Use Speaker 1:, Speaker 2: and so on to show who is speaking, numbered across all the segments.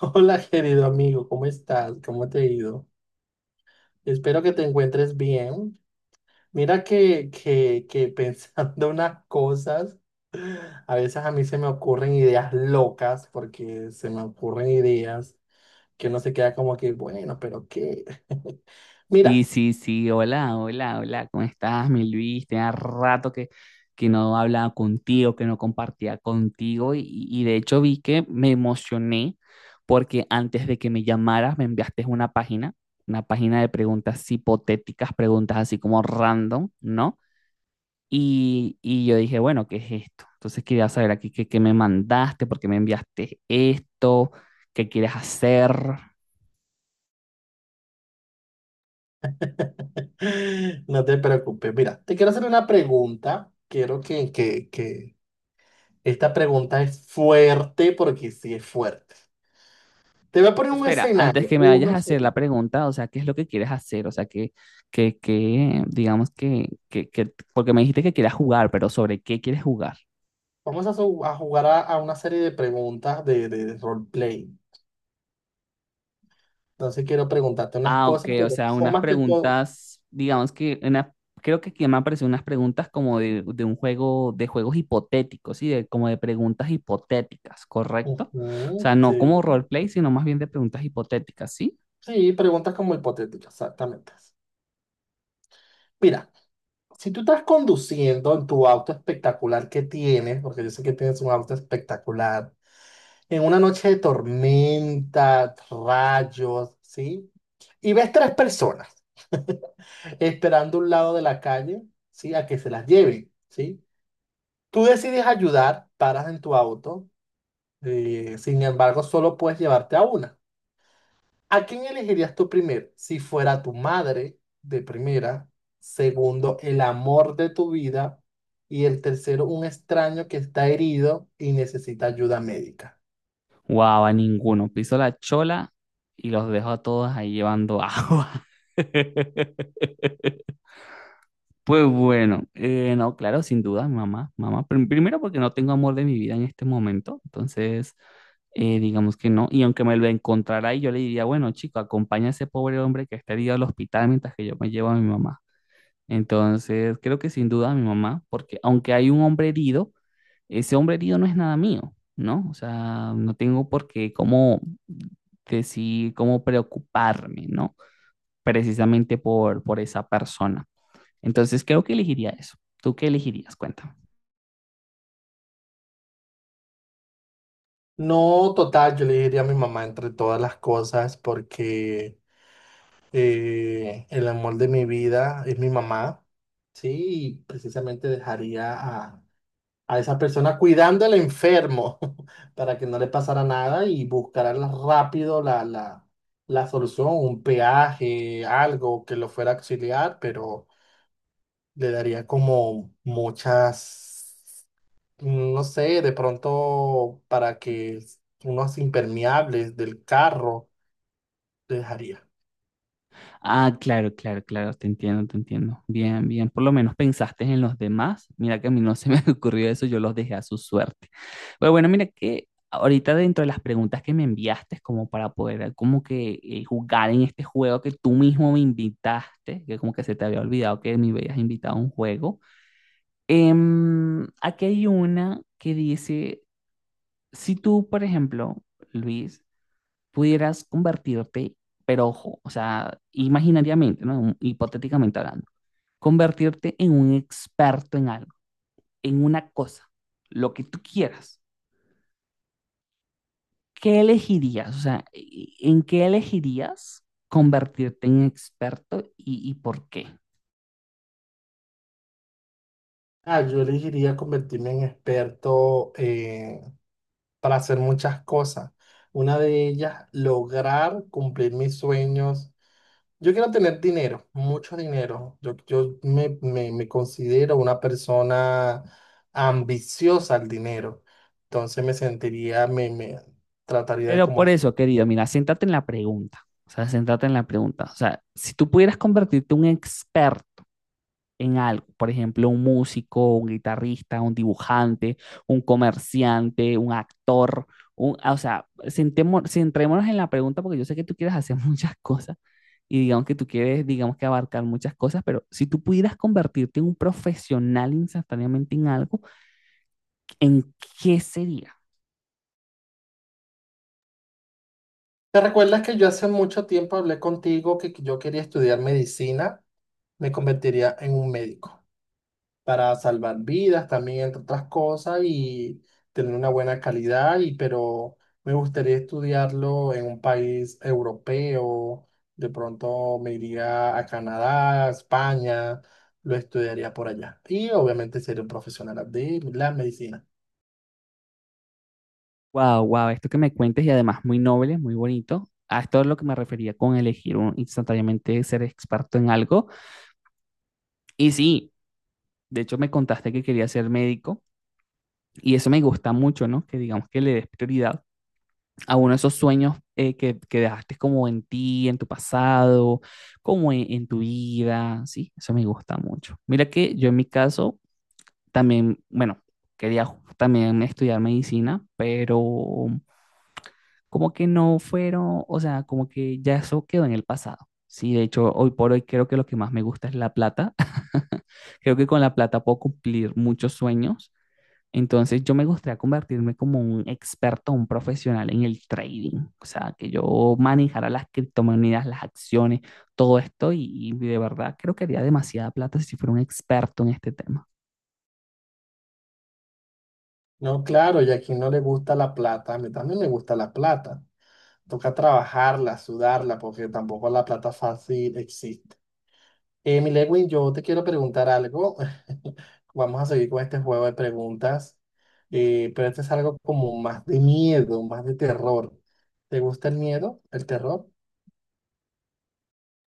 Speaker 1: Hola, querido amigo, ¿cómo estás? ¿Cómo te ha ido? Espero que te encuentres bien. Mira que pensando unas cosas, a veces a mí se me ocurren ideas locas, porque se me ocurren ideas que uno se queda como que, bueno, pero ¿qué?
Speaker 2: Sí,
Speaker 1: Mira,
Speaker 2: sí, sí, hola, hola, hola, ¿cómo estás, mi Luis? Tenía rato que no hablaba contigo, que no compartía contigo y de hecho vi que me emocioné porque antes de que me llamaras me enviaste una página de preguntas hipotéticas, preguntas así como random, ¿no? Y yo dije, bueno, ¿qué es esto? Entonces quería saber aquí qué me mandaste, por qué me enviaste esto, qué quieres hacer.
Speaker 1: no te preocupes. Mira, te quiero hacer una pregunta. Quiero que esta pregunta es fuerte, porque sí es fuerte. Te voy a poner un
Speaker 2: Espera, antes
Speaker 1: escenario,
Speaker 2: que me vayas a
Speaker 1: uno
Speaker 2: hacer
Speaker 1: solo.
Speaker 2: la pregunta, o sea, ¿qué es lo que quieres hacer? O sea, que digamos que, porque me dijiste que quieras jugar, pero ¿sobre qué quieres jugar?
Speaker 1: Vamos a jugar a una serie de preguntas de roleplay. Entonces quiero preguntarte unas
Speaker 2: Ah, ok,
Speaker 1: cosas,
Speaker 2: o
Speaker 1: pero
Speaker 2: sea,
Speaker 1: son
Speaker 2: unas
Speaker 1: más que todo.
Speaker 2: preguntas, digamos que, una, creo que aquí me aparecen unas preguntas como de un juego, de juegos hipotéticos, ¿sí? De, como de preguntas hipotéticas, ¿correcto? O
Speaker 1: Ujú,
Speaker 2: sea, no como
Speaker 1: sí.
Speaker 2: roleplay, sino más bien de preguntas hipotéticas, ¿sí?
Speaker 1: Sí, preguntas como hipotéticas, exactamente. Mira, si tú estás conduciendo en tu auto espectacular que tienes, porque yo sé que tienes un auto espectacular, en una noche de tormenta, rayos, ¿sí? Y ves tres personas esperando a un lado de la calle, ¿sí? A que se las lleven, ¿sí? Tú decides ayudar, paras en tu auto, sin embargo, solo puedes llevarte a una. ¿A quién elegirías tú primero? Si fuera tu madre, de primera. Segundo, el amor de tu vida. Y el tercero, un extraño que está herido y necesita ayuda médica.
Speaker 2: Wow, a ninguno. Piso la chola y los dejo a todos ahí llevando agua. Pues bueno, no, claro, sin duda, mamá, mamá. Primero porque no tengo amor de mi vida en este momento, entonces digamos que no. Y aunque me lo encontrara ahí, yo le diría, bueno, chico, acompaña a ese pobre hombre que está herido al hospital mientras que yo me llevo a mi mamá. Entonces, creo que sin duda mi mamá, porque aunque hay un hombre herido, ese hombre herido no es nada mío, ¿no? O sea, no tengo por qué cómo decir, cómo preocuparme, ¿no? Precisamente por esa persona. Entonces creo que elegiría eso. ¿Tú qué elegirías? Cuéntame.
Speaker 1: No, total, yo le diría a mi mamá entre todas las cosas porque el amor de mi vida es mi mamá, ¿sí? Y precisamente dejaría a esa persona cuidando al enfermo para que no le pasara nada y buscará la- rápido la solución, un peaje, algo que lo fuera a auxiliar, pero le daría como muchas, no sé, de pronto para que unos impermeables del carro le dejaría.
Speaker 2: Ah, claro, claro, claro, te entiendo, te entiendo. Bien, bien, por lo menos pensaste en los demás. Mira que a mí no se me ocurrió eso, yo los dejé a su suerte. Pero bueno, mira que ahorita dentro de las preguntas que me enviaste, como para poder como que jugar en este juego que tú mismo me invitaste, que como que se te había olvidado que me habías invitado a un juego, aquí hay una que dice, si tú, por ejemplo, Luis, pudieras convertirte, pero ojo, o sea, imaginariamente, ¿no? Hipotéticamente hablando, convertirte en un experto en algo, en una cosa, lo que tú quieras, ¿qué elegirías? O sea, ¿en qué elegirías convertirte en experto y por qué?
Speaker 1: Ah, yo elegiría convertirme en experto para hacer muchas cosas. Una de ellas, lograr cumplir mis sueños. Yo quiero tener dinero, mucho dinero. Yo me considero una persona ambiciosa al dinero. Entonces me sentiría, me trataría de
Speaker 2: Pero
Speaker 1: como
Speaker 2: por
Speaker 1: hacer.
Speaker 2: eso, querido, mira, siéntate en la pregunta. O sea, siéntate en la pregunta. O sea, si tú pudieras convertirte en un experto en algo. Por ejemplo, un músico, un guitarrista, un dibujante, un comerciante, un actor. Un, ah, o sea, centrémonos en la pregunta porque yo sé que tú quieres hacer muchas cosas y digamos que tú quieres, digamos que abarcar muchas cosas, pero si tú pudieras convertirte en un profesional instantáneamente en algo, ¿en qué sería?
Speaker 1: ¿Te recuerdas que yo hace mucho tiempo hablé contigo que yo quería estudiar medicina? Me convertiría en un médico, para salvar vidas también, entre otras cosas, y tener una buena calidad, y, pero me gustaría estudiarlo en un país europeo, de pronto me iría a Canadá, a España, lo estudiaría por allá. Y obviamente sería un profesional de la medicina.
Speaker 2: Wow, wow, esto que me cuentes y además muy noble, muy bonito. A esto es lo que me refería con elegir un, instantáneamente ser experto en algo. Y sí, de hecho me contaste que quería ser médico. Y eso me gusta mucho, ¿no? Que digamos que le des prioridad a uno de esos sueños que dejaste como en ti, en tu pasado, como en tu vida, ¿sí? Eso me gusta mucho. Mira que yo en mi caso también, bueno, quería también estudiar medicina, pero como que no fueron, o sea, como que ya eso quedó en el pasado. Sí, de hecho, hoy por hoy creo que lo que más me gusta es la plata. Creo que con la plata puedo cumplir muchos sueños, entonces yo me gustaría convertirme como un experto, un profesional en el trading, o sea, que yo manejara las criptomonedas, las acciones, todo esto y de verdad creo que haría demasiada plata si fuera un experto en este tema.
Speaker 1: No, claro, y a quien no le gusta la plata, a mí también me gusta la plata. Toca trabajarla, sudarla, porque tampoco la plata fácil existe. Mi Lewin, yo te quiero preguntar algo. Vamos a seguir con este juego de preguntas, pero este es algo como más de miedo, más de terror. ¿Te gusta el miedo, el terror?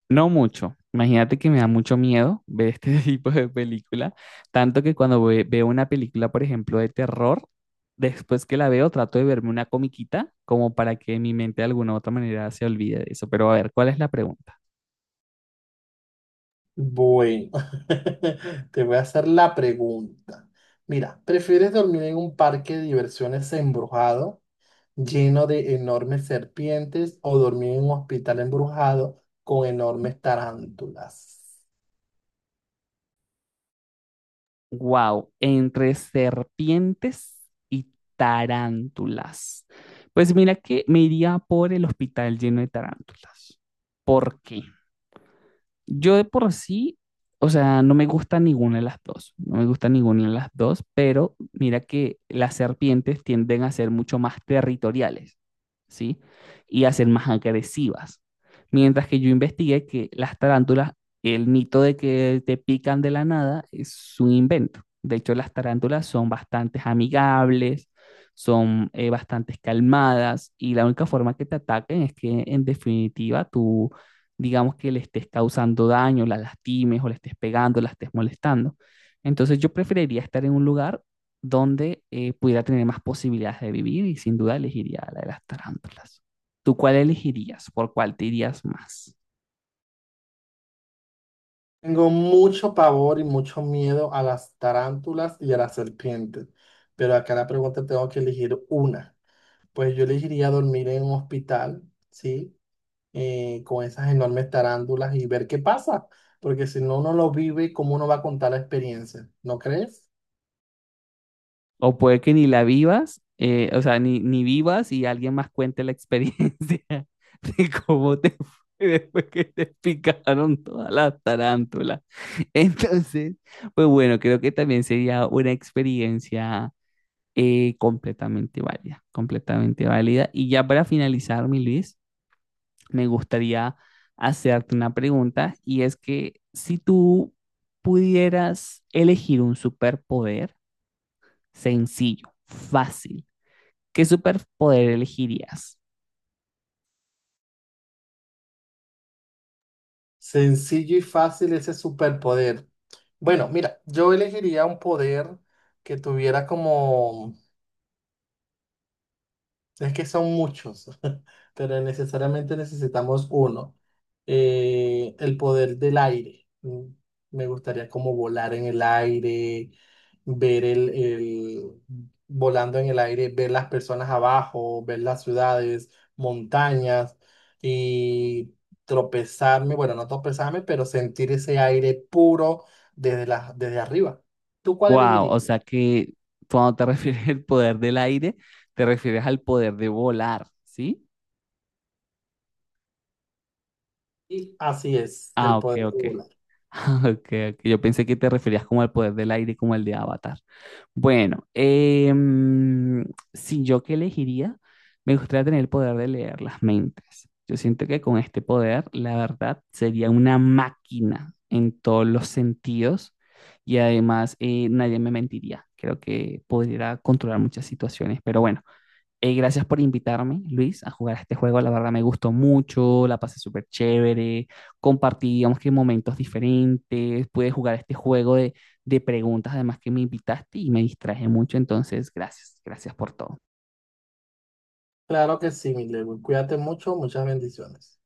Speaker 2: No mucho, imagínate que me da mucho miedo ver este tipo de película, tanto que cuando veo una película, por ejemplo, de terror, después que la veo trato de verme una comiquita como para que mi mente de alguna u otra manera se olvide de eso, pero a ver, ¿cuál es la pregunta?
Speaker 1: Bueno, te voy a hacer la pregunta. Mira, ¿prefieres dormir en un parque de diversiones embrujado, lleno de enormes serpientes, o dormir en un hospital embrujado con enormes tarántulas?
Speaker 2: Wow, entre serpientes y tarántulas. Pues mira que me iría por el hospital lleno de tarántulas. ¿Por qué? Yo de por sí, o sea, no me gusta ninguna de las dos, no me gusta ninguna de las dos, pero mira que las serpientes tienden a ser mucho más territoriales, ¿sí? Y a ser más agresivas. Mientras que yo investigué que las tarántulas, el mito de que te pican de la nada es un invento. De hecho, las tarántulas son bastante amigables, son bastante calmadas y la única forma que te ataquen es que en definitiva tú digamos que le estés causando daño, la lastimes o le estés pegando, la estés molestando. Entonces yo preferiría estar en un lugar donde pudiera tener más posibilidades de vivir y sin duda elegiría la de las tarántulas. ¿Tú cuál elegirías? ¿Por cuál te irías más?
Speaker 1: Tengo mucho pavor y mucho miedo a las tarántulas y a las serpientes, pero acá la pregunta tengo que elegir una. Pues yo elegiría dormir en un hospital, ¿sí? Con esas enormes tarántulas y ver qué pasa, porque si no uno lo vive, ¿cómo uno va a contar la experiencia? ¿No crees?
Speaker 2: O puede que ni la vivas, o sea, ni vivas y alguien más cuente la experiencia de cómo te fue después que te picaron todas las tarántulas. Entonces, pues bueno, creo que también sería una experiencia completamente válida, completamente válida. Y ya para finalizar, mi Luis, me gustaría hacerte una pregunta y es que si tú pudieras elegir un superpoder sencillo, fácil, ¿qué superpoder elegirías?
Speaker 1: Sencillo y fácil ese superpoder. Bueno, mira, yo elegiría un poder que tuviera como... Es que son muchos, pero necesariamente necesitamos uno. El poder del aire. Mm, me gustaría como volar en el aire, ver el volando en el aire, ver las personas abajo, ver las ciudades, montañas y tropezarme, bueno, no tropezarme, pero sentir ese aire puro desde desde arriba. ¿Tú cuál
Speaker 2: Wow, o
Speaker 1: elegirías?
Speaker 2: sea que cuando te refieres al poder del aire, te refieres al poder de volar, ¿sí?
Speaker 1: Y así es,
Speaker 2: Ah,
Speaker 1: el
Speaker 2: ok,
Speaker 1: poder
Speaker 2: ok.
Speaker 1: volar.
Speaker 2: Ah, okay, ok. Yo pensé que te referías como al poder del aire, como el de Avatar. Bueno, si yo qué elegiría, me gustaría tener el poder de leer las mentes. Yo siento que con este poder, la verdad, sería una máquina en todos los sentidos y además nadie me mentiría. Creo que podría controlar muchas situaciones, pero bueno, gracias por invitarme, Luis, a jugar a este juego. La verdad me gustó mucho, la pasé súper chévere. Compartí, digamos que momentos diferentes. Pude jugar este juego de preguntas, además que me invitaste y me distraje mucho. Entonces, gracias, gracias por todo.
Speaker 1: Claro que sí, mi Lewin. Cuídate mucho, muchas bendiciones.